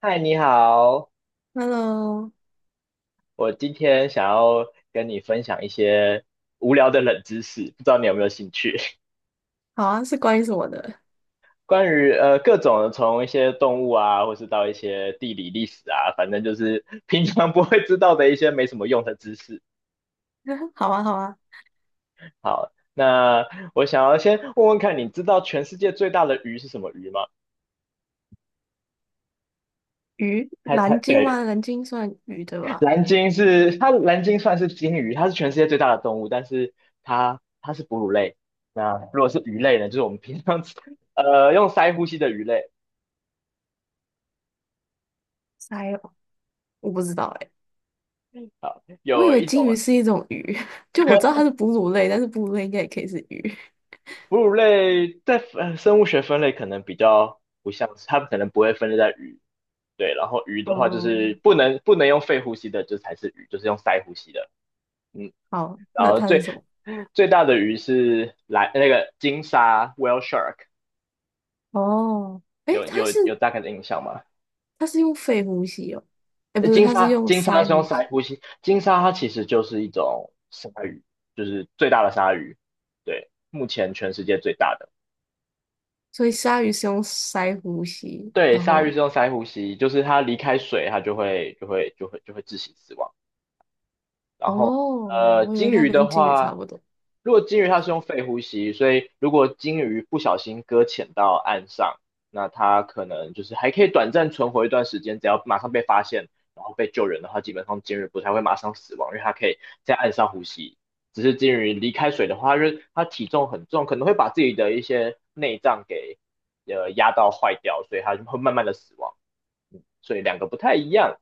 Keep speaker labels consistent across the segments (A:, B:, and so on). A: 嗨，你好，
B: Hello，
A: 我今天想要跟你分享一些无聊的冷知识，不知道你有没有兴趣？
B: 好啊，是关于什么的？
A: 关于各种的从一些动物啊，或是到一些地理历史啊，反正就是 平常不会知道的一些没什么用的知识。
B: 好啊，好啊，
A: 好，那我想要先问问看，你知道全世界最大的鱼是什么鱼吗？
B: 鱼，
A: 猜
B: 蓝
A: 猜，
B: 鲸
A: 对，
B: 吗？蓝鲸算鱼对吧？
A: 蓝鲸是它，蓝鲸算是鲸鱼，它是全世界最大的动物，但是它是哺乳类。那如果是鱼类呢，就是我们平常吃用鳃呼吸的鱼类。
B: 鳃哦，我不知道哎、
A: 好，
B: 我以
A: 有
B: 为
A: 一
B: 鲸
A: 种
B: 鱼是一种鱼，就我知道它是哺乳类，但是哺乳类应该也可以是鱼。
A: 哺乳类在生物学分类可能比较不像是，它可能不会分类在鱼。对，然后鱼的话就
B: 哦、
A: 是不能用肺呼吸的，就才是鱼，就是用鳃呼吸的。嗯，
B: 好，
A: 然
B: 那
A: 后
B: 它是
A: 最
B: 什么？
A: 最大的鱼是蓝那个鲸鲨 whale shark,
B: 哦，诶，
A: 有
B: 它
A: 有
B: 是
A: 有大概的印象吗？
B: 它是用肺呼吸哦，诶，不是，
A: 金
B: 它是
A: 鲨，
B: 用
A: 金鲨
B: 鳃
A: 是用
B: 呼吸，
A: 鳃呼吸，金鲨它其实就是一种鲨鱼，就是最大的鲨鱼，对，目前全世界最大的。
B: 所以鲨鱼是用鳃呼吸，
A: 对，
B: 然
A: 鲨鱼
B: 后
A: 是用鳃呼吸，就是它离开水，它就会窒息死亡。然后
B: 哦，我以为
A: 鲸
B: 它
A: 鱼的
B: 跟鲸鱼差
A: 话，
B: 不多。
A: 如果鲸鱼它是用肺呼吸，所以如果鲸鱼不小心搁浅到岸上，那它可能就是还可以短暂存活一段时间，只要马上被发现，然后被救人的话，基本上鲸鱼不太会马上死亡，因为它可以在岸上呼吸。只是鲸鱼离开水的话，因为它体重很重，可能会把自己的一些内脏给压到坏掉，所以它就会慢慢的死亡。所以两个不太一样。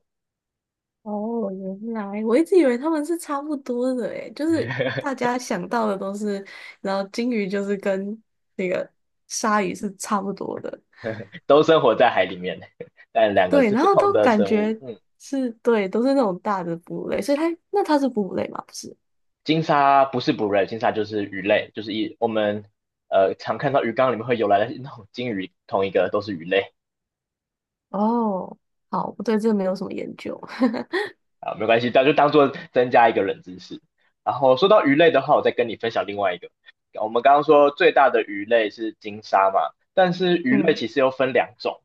B: 哦，原来我一直以为他们是差不多的诶，就是 大家想到的都是，然后金鱼就是跟那个鲨鱼是差不多的，
A: 都生活在海里面，但两个
B: 对，
A: 是
B: 然
A: 不
B: 后
A: 同
B: 都
A: 的
B: 感
A: 生物。
B: 觉
A: 嗯，
B: 是对，都是那种大的哺乳类，所以它那它是哺乳类吗？不是，
A: 鲸鲨不是哺乳类，鲸鲨就是鱼类，就是我们常看到鱼缸里面会游来的那种鲸鱼，同一个都是鱼类。
B: 哦，好，我对这个没有什么研究，
A: 啊，没关系，那就当做增加一个冷知识。然后说到鱼类的话，我再跟你分享另外一个。我们刚刚说最大的鱼类是鲸鲨嘛，但是 鱼类
B: 嗯。
A: 其实又分两种，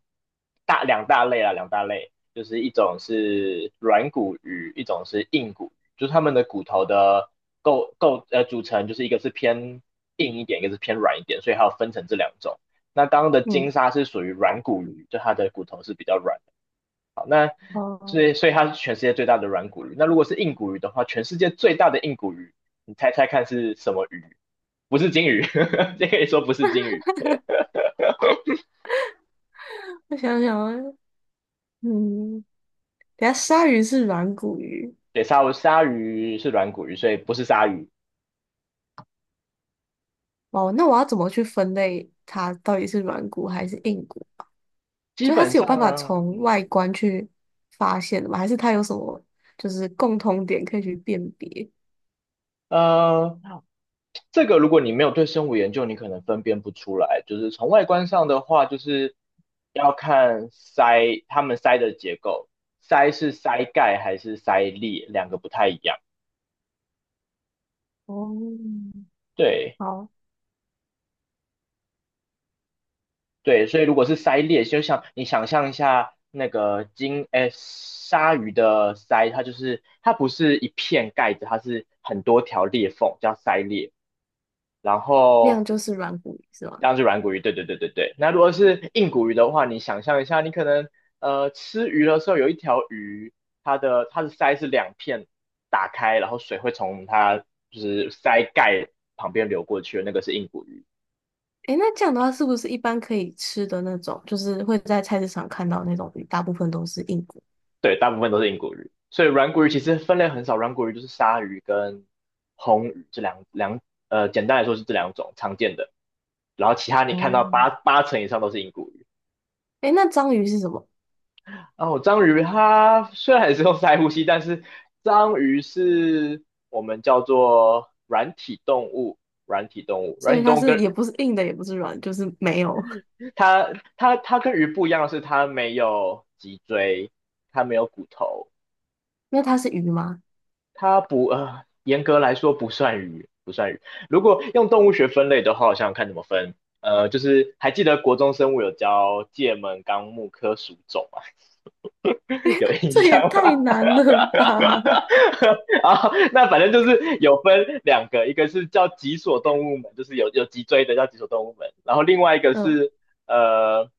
A: 大两大类啊，两大类，就是一种是软骨鱼，一种是硬骨鱼，就是它们的骨头的构构呃组成，就是一个是偏硬一点，一个是偏软一点，所以还要分成这两种。那刚刚的鲸
B: 嗯，
A: 鲨是属于软骨鱼，就它的骨头是比较软，所
B: 哦，
A: 以所以它是全世界最大的软骨鱼。那如果是硬骨鱼的话，全世界最大的硬骨鱼，你猜猜看是什么鱼？不是金鱼，这可以说不是金鱼。
B: 我想想啊，嗯，等下鲨鱼是软骨鱼，
A: 对，鲨鱼是软骨鱼，所以不是鲨鱼。
B: 哦，那我要怎么去分类它到底是软骨还是硬骨？
A: 基
B: 就是它
A: 本
B: 是有
A: 上，
B: 办法从外
A: 嗯
B: 观去发现的吗？还是它有什么就是共通点可以去辨别？
A: 呃，这个如果你没有对生物研究，你可能分辨不出来。就是从外观上的话，就是要看鳃，它们鳃的结构，鳃是鳃盖还是鳃裂，两个不太一样。
B: 哦，
A: 对，
B: 好，
A: 对，所以如果是鳃裂，就像你想象一下那个鲨鱼的鳃，它就是它不是一片盖子，它是很多条裂缝，叫鳃裂。然
B: 那
A: 后
B: 样就是软骨鱼是吗？
A: 这样是软骨鱼，对对对对对。那如果是硬骨鱼的话，你想象一下，你可能吃鱼的时候有一条鱼，它的鳃是两片打开，然后水会从它就是鳃盖旁边流过去的那个是硬骨鱼。
B: 诶，那这样的话是不是一般可以吃的那种，就是会在菜市场看到那种鱼，大部分都是硬骨？
A: 对，大部分都是硬骨鱼，所以软骨鱼其实分类很少，软骨鱼就是鲨鱼跟红鱼这两简单来说是这两种常见的，然后其他你看
B: 哦，
A: 到八成以上都是硬骨鱼。
B: 诶，那章鱼是什么？
A: 然后章鱼它虽然也是用鳃呼吸，但是章鱼是我们叫做软
B: 所
A: 体
B: 以它
A: 动物，
B: 是
A: 跟
B: 也不是硬的，也不是软，就是没有。
A: 它它跟鱼不一样的是它没有脊椎，它没有骨头，
B: 那它是鱼吗？
A: 它不呃，严格来说不算鱼，不算鱼。如果用动物学分类的话，我想想看怎么分。就是还记得国中生物有教界门纲目科属种吗？有印
B: 这也
A: 象
B: 太
A: 吗？
B: 难了 吧？
A: 啊，那反正就是有分两个，一个是叫脊索动物门，就是有脊椎的叫脊索动物门，然后另外一 个
B: 嗯，
A: 是呃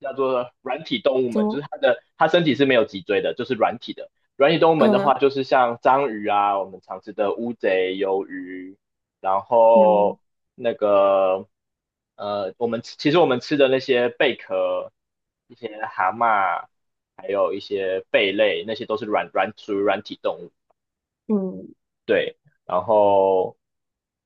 A: 叫做软体动物
B: 怎
A: 门，就
B: 么？
A: 是它身体是没有脊椎的，就是软体的。软体动物门的话，
B: 嗯。
A: 就是像章鱼啊，我们常吃的乌贼、鱿鱼，然
B: 嗯。
A: 后那个我们吃的那些贝壳、一些蛤蟆。还有一些贝类，那些都是软软属于软体动物。
B: 嗯。
A: 对，然后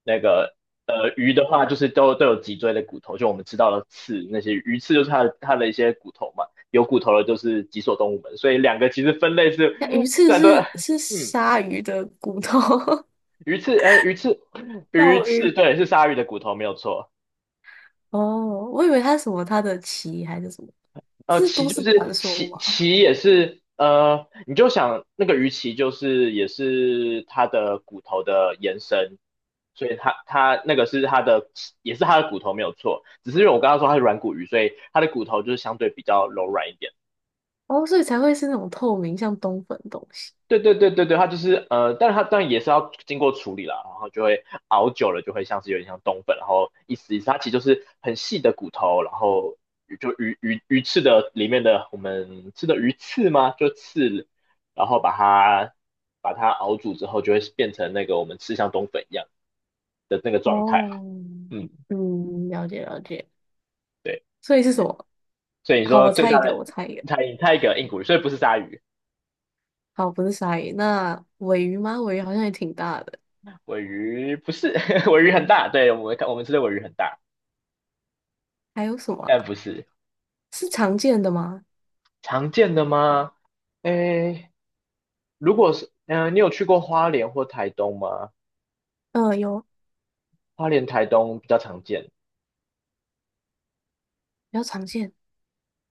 A: 那个鱼的话，就是都有脊椎的骨头，就我们吃到的刺，那些鱼刺就是它的一些骨头嘛，有骨头的就是脊索动物门，所以两个其实分类是
B: 那鱼
A: 虽
B: 翅
A: 然都
B: 是
A: 嗯
B: 鲨鱼的骨头，
A: 鱼刺，哎鱼刺 鱼
B: 绕
A: 刺
B: 晕。
A: 对是鲨鱼的骨头没有错。
B: 哦，我以为它是什么它的鳍还是什么，这是
A: 鳍
B: 都
A: 就
B: 市
A: 是
B: 传说
A: 鳍，
B: 吗？
A: 鳍也是你就想那个鱼鳍就是也是它的骨头的延伸，所以它那个是也是它的骨头没有错，只是因为我刚刚说它是软骨鱼，所以它的骨头就是相对比较柔软一点。
B: 哦，所以才会是那种透明像冬粉的东西。
A: 对对对对对，它就是但是它当然也是要经过处理啦，然后就会熬久了就会像是有点像冬粉，然后一丝一丝，它其实就是很细的骨头，然后就鱼翅的里面的我们吃的鱼刺吗？就刺，然后把它熬煮之后，就会变成那个我们吃像冬粉一样的那个状态。
B: 哦，
A: 嗯，
B: 嗯，了解了解。
A: 对，
B: 所以是什么？
A: 所以你
B: 好，
A: 说
B: 我
A: 最
B: 猜一
A: 大
B: 个，
A: 的
B: 我猜一个。
A: 它一个硬骨鱼，所以不是鲨鱼，
B: 好，不是鲨鱼，那尾鱼吗？尾鱼好像也挺大的。
A: 尾鱼不是，尾鱼很大，对我们吃的尾鱼很大，
B: 还有什么
A: 但
B: 啊，
A: 不是。
B: 是常见的吗？
A: 常见的吗？诶，如果是，嗯、你有去过花莲或台东吗？
B: 嗯、有，
A: 花莲、台东比较常见。
B: 比较常见。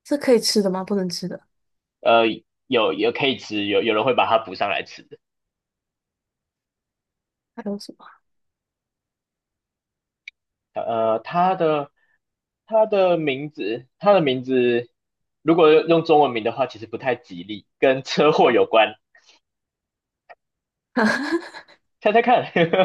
B: 是可以吃的吗？不能吃的。
A: 呃，有可以吃，有人会把它补上来吃的。
B: 还有什么？
A: 呃，它的它的名字，如果用中文名的话，其实不太吉利，跟车祸有关。猜猜看，不知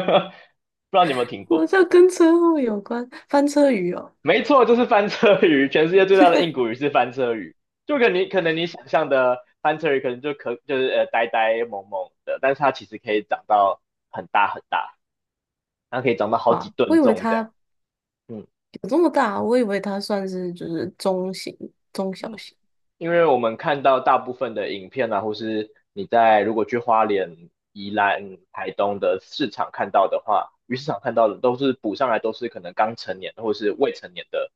A: 道你有没有听
B: 我
A: 过？
B: 这跟车祸有关？翻车鱼哦，
A: 没错，就是翻车鱼，全世界最大的硬骨鱼是翻车鱼，就跟你可能你想象的翻车鱼可能就是呆呆萌萌的，但是它其实可以长到很大很大，它可以长到好几
B: 哇！我
A: 吨
B: 以为
A: 重这样。
B: 它
A: 嗯
B: 有这么大，我以为它算是就是中型、中小
A: 嗯，
B: 型。
A: 因为我们看到大部分的影片啊，或是你在如果去花莲、宜兰、台东的市场看到的话，鱼市场看到的都是捕上来都是可能刚成年或是未成年的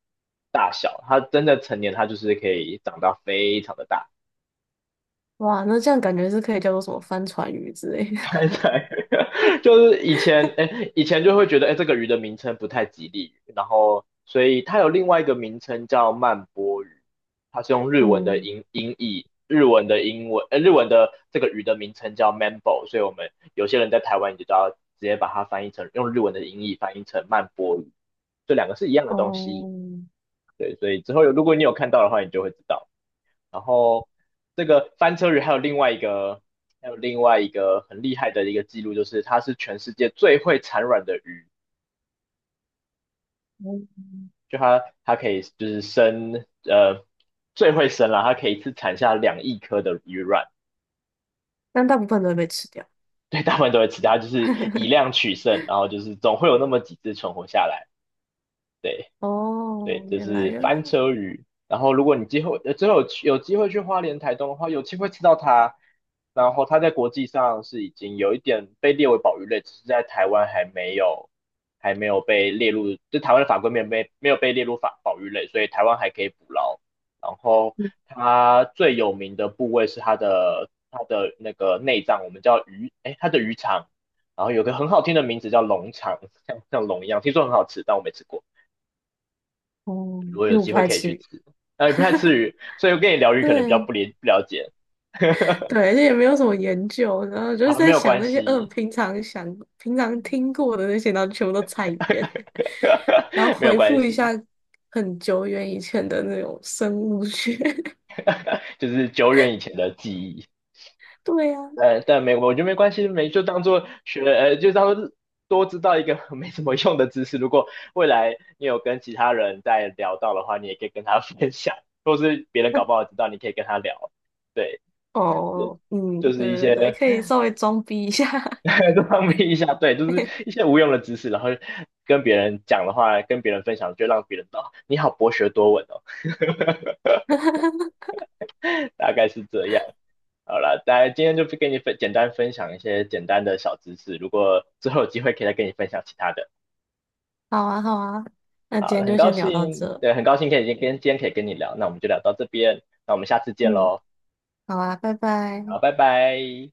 A: 大小，它真的成年它就是可以长到非常的大。
B: 哇，那这样感觉是可以叫做什么帆船鱼之类的。
A: 猜猜，就是以前，哎，以前就会觉得，哎，这个鱼的名称不太吉利，然后所以它有另外一个名称叫曼波鱼，它是用 日文的
B: 嗯，
A: 译，日文的英文，日文的这个鱼的名称叫 mambo 所以我们有些人在台湾你就道，直接把它翻译成用日文的音译翻译成曼波鱼，这两个是一样的东西，
B: 哦，
A: 对，所以之后有如果你有看到的话，你就会知道。然后这个翻车鱼还有另外一个很厉害的一个记录，就是它是全世界最会产卵的鱼，
B: 嗯，
A: 就它可以就是生呃最会生了，它可以一次产下2亿颗的鱼卵，
B: 但大部分都会被吃掉。
A: 对，大部分都会吃，它就是以 量取胜，然后就是总会有那么几只存活下来，对。对，
B: 哦，
A: 这
B: 原来
A: 是
B: 原
A: 翻
B: 来，
A: 车鱼。然后，如果你之后有机会去花莲、台东的话，有机会吃到它。然后，它在国际上是已经有一点被列为保育类，只是在台湾还没有被列入，就台湾的法规没有被列入法保育类，所以台湾还可以捕捞。然后，
B: 嗯，
A: 它最有名的部位是它的那个内脏，我们叫它的鱼肠。然后有个很好听的名字叫龙肠，像龙一样，听说很好吃，但我没吃过。
B: 哦，
A: 如果
B: 其
A: 有
B: 实我
A: 机
B: 不
A: 会
B: 爱
A: 可以
B: 吃
A: 去
B: 鱼。
A: 吃。也不太吃鱼，所以我跟你聊鱼可能比较
B: 对，
A: 不理不了解。
B: 对，而且也没有什么研究，然后就是
A: 好，没
B: 在
A: 有
B: 想
A: 关
B: 那些，
A: 系，
B: 平常想、平常听过的那些，然后全部都猜一遍。然后
A: 没有
B: 回
A: 关
B: 复一下
A: 系，
B: 很久远以前的那种生物学。
A: 就是久远以前的记忆。
B: 对呀、
A: 呃，但没，我觉得没关系，没就当做学，呃，就当做多知道一个 没什么用的知识。如果未来你有跟其他人在聊到的话，你也可以跟他分享，或是别人搞不好知道，你可以跟他聊。对，
B: 哦，嗯，
A: 就是一
B: 对对
A: 些
B: 对，可以稍微装逼一下。
A: 多方面一下，对，就是 一些无用的知识，然后跟别人讲的话，跟别人分享，就让别人知道你好博学多闻哦，大概是这样。好了，大家今天就不跟你简单分享一些简单的小知识，如果之后有机会可以再跟你分享其他的。
B: 好啊，好啊，那今
A: 好，那
B: 天
A: 很
B: 就
A: 高
B: 先聊到
A: 兴，
B: 这。
A: 对，很高兴可以今天可以跟你聊，那我们就聊到这边，那我们下次见
B: 嗯，
A: 喽，
B: 好啊，拜
A: 好，
B: 拜。
A: 拜拜。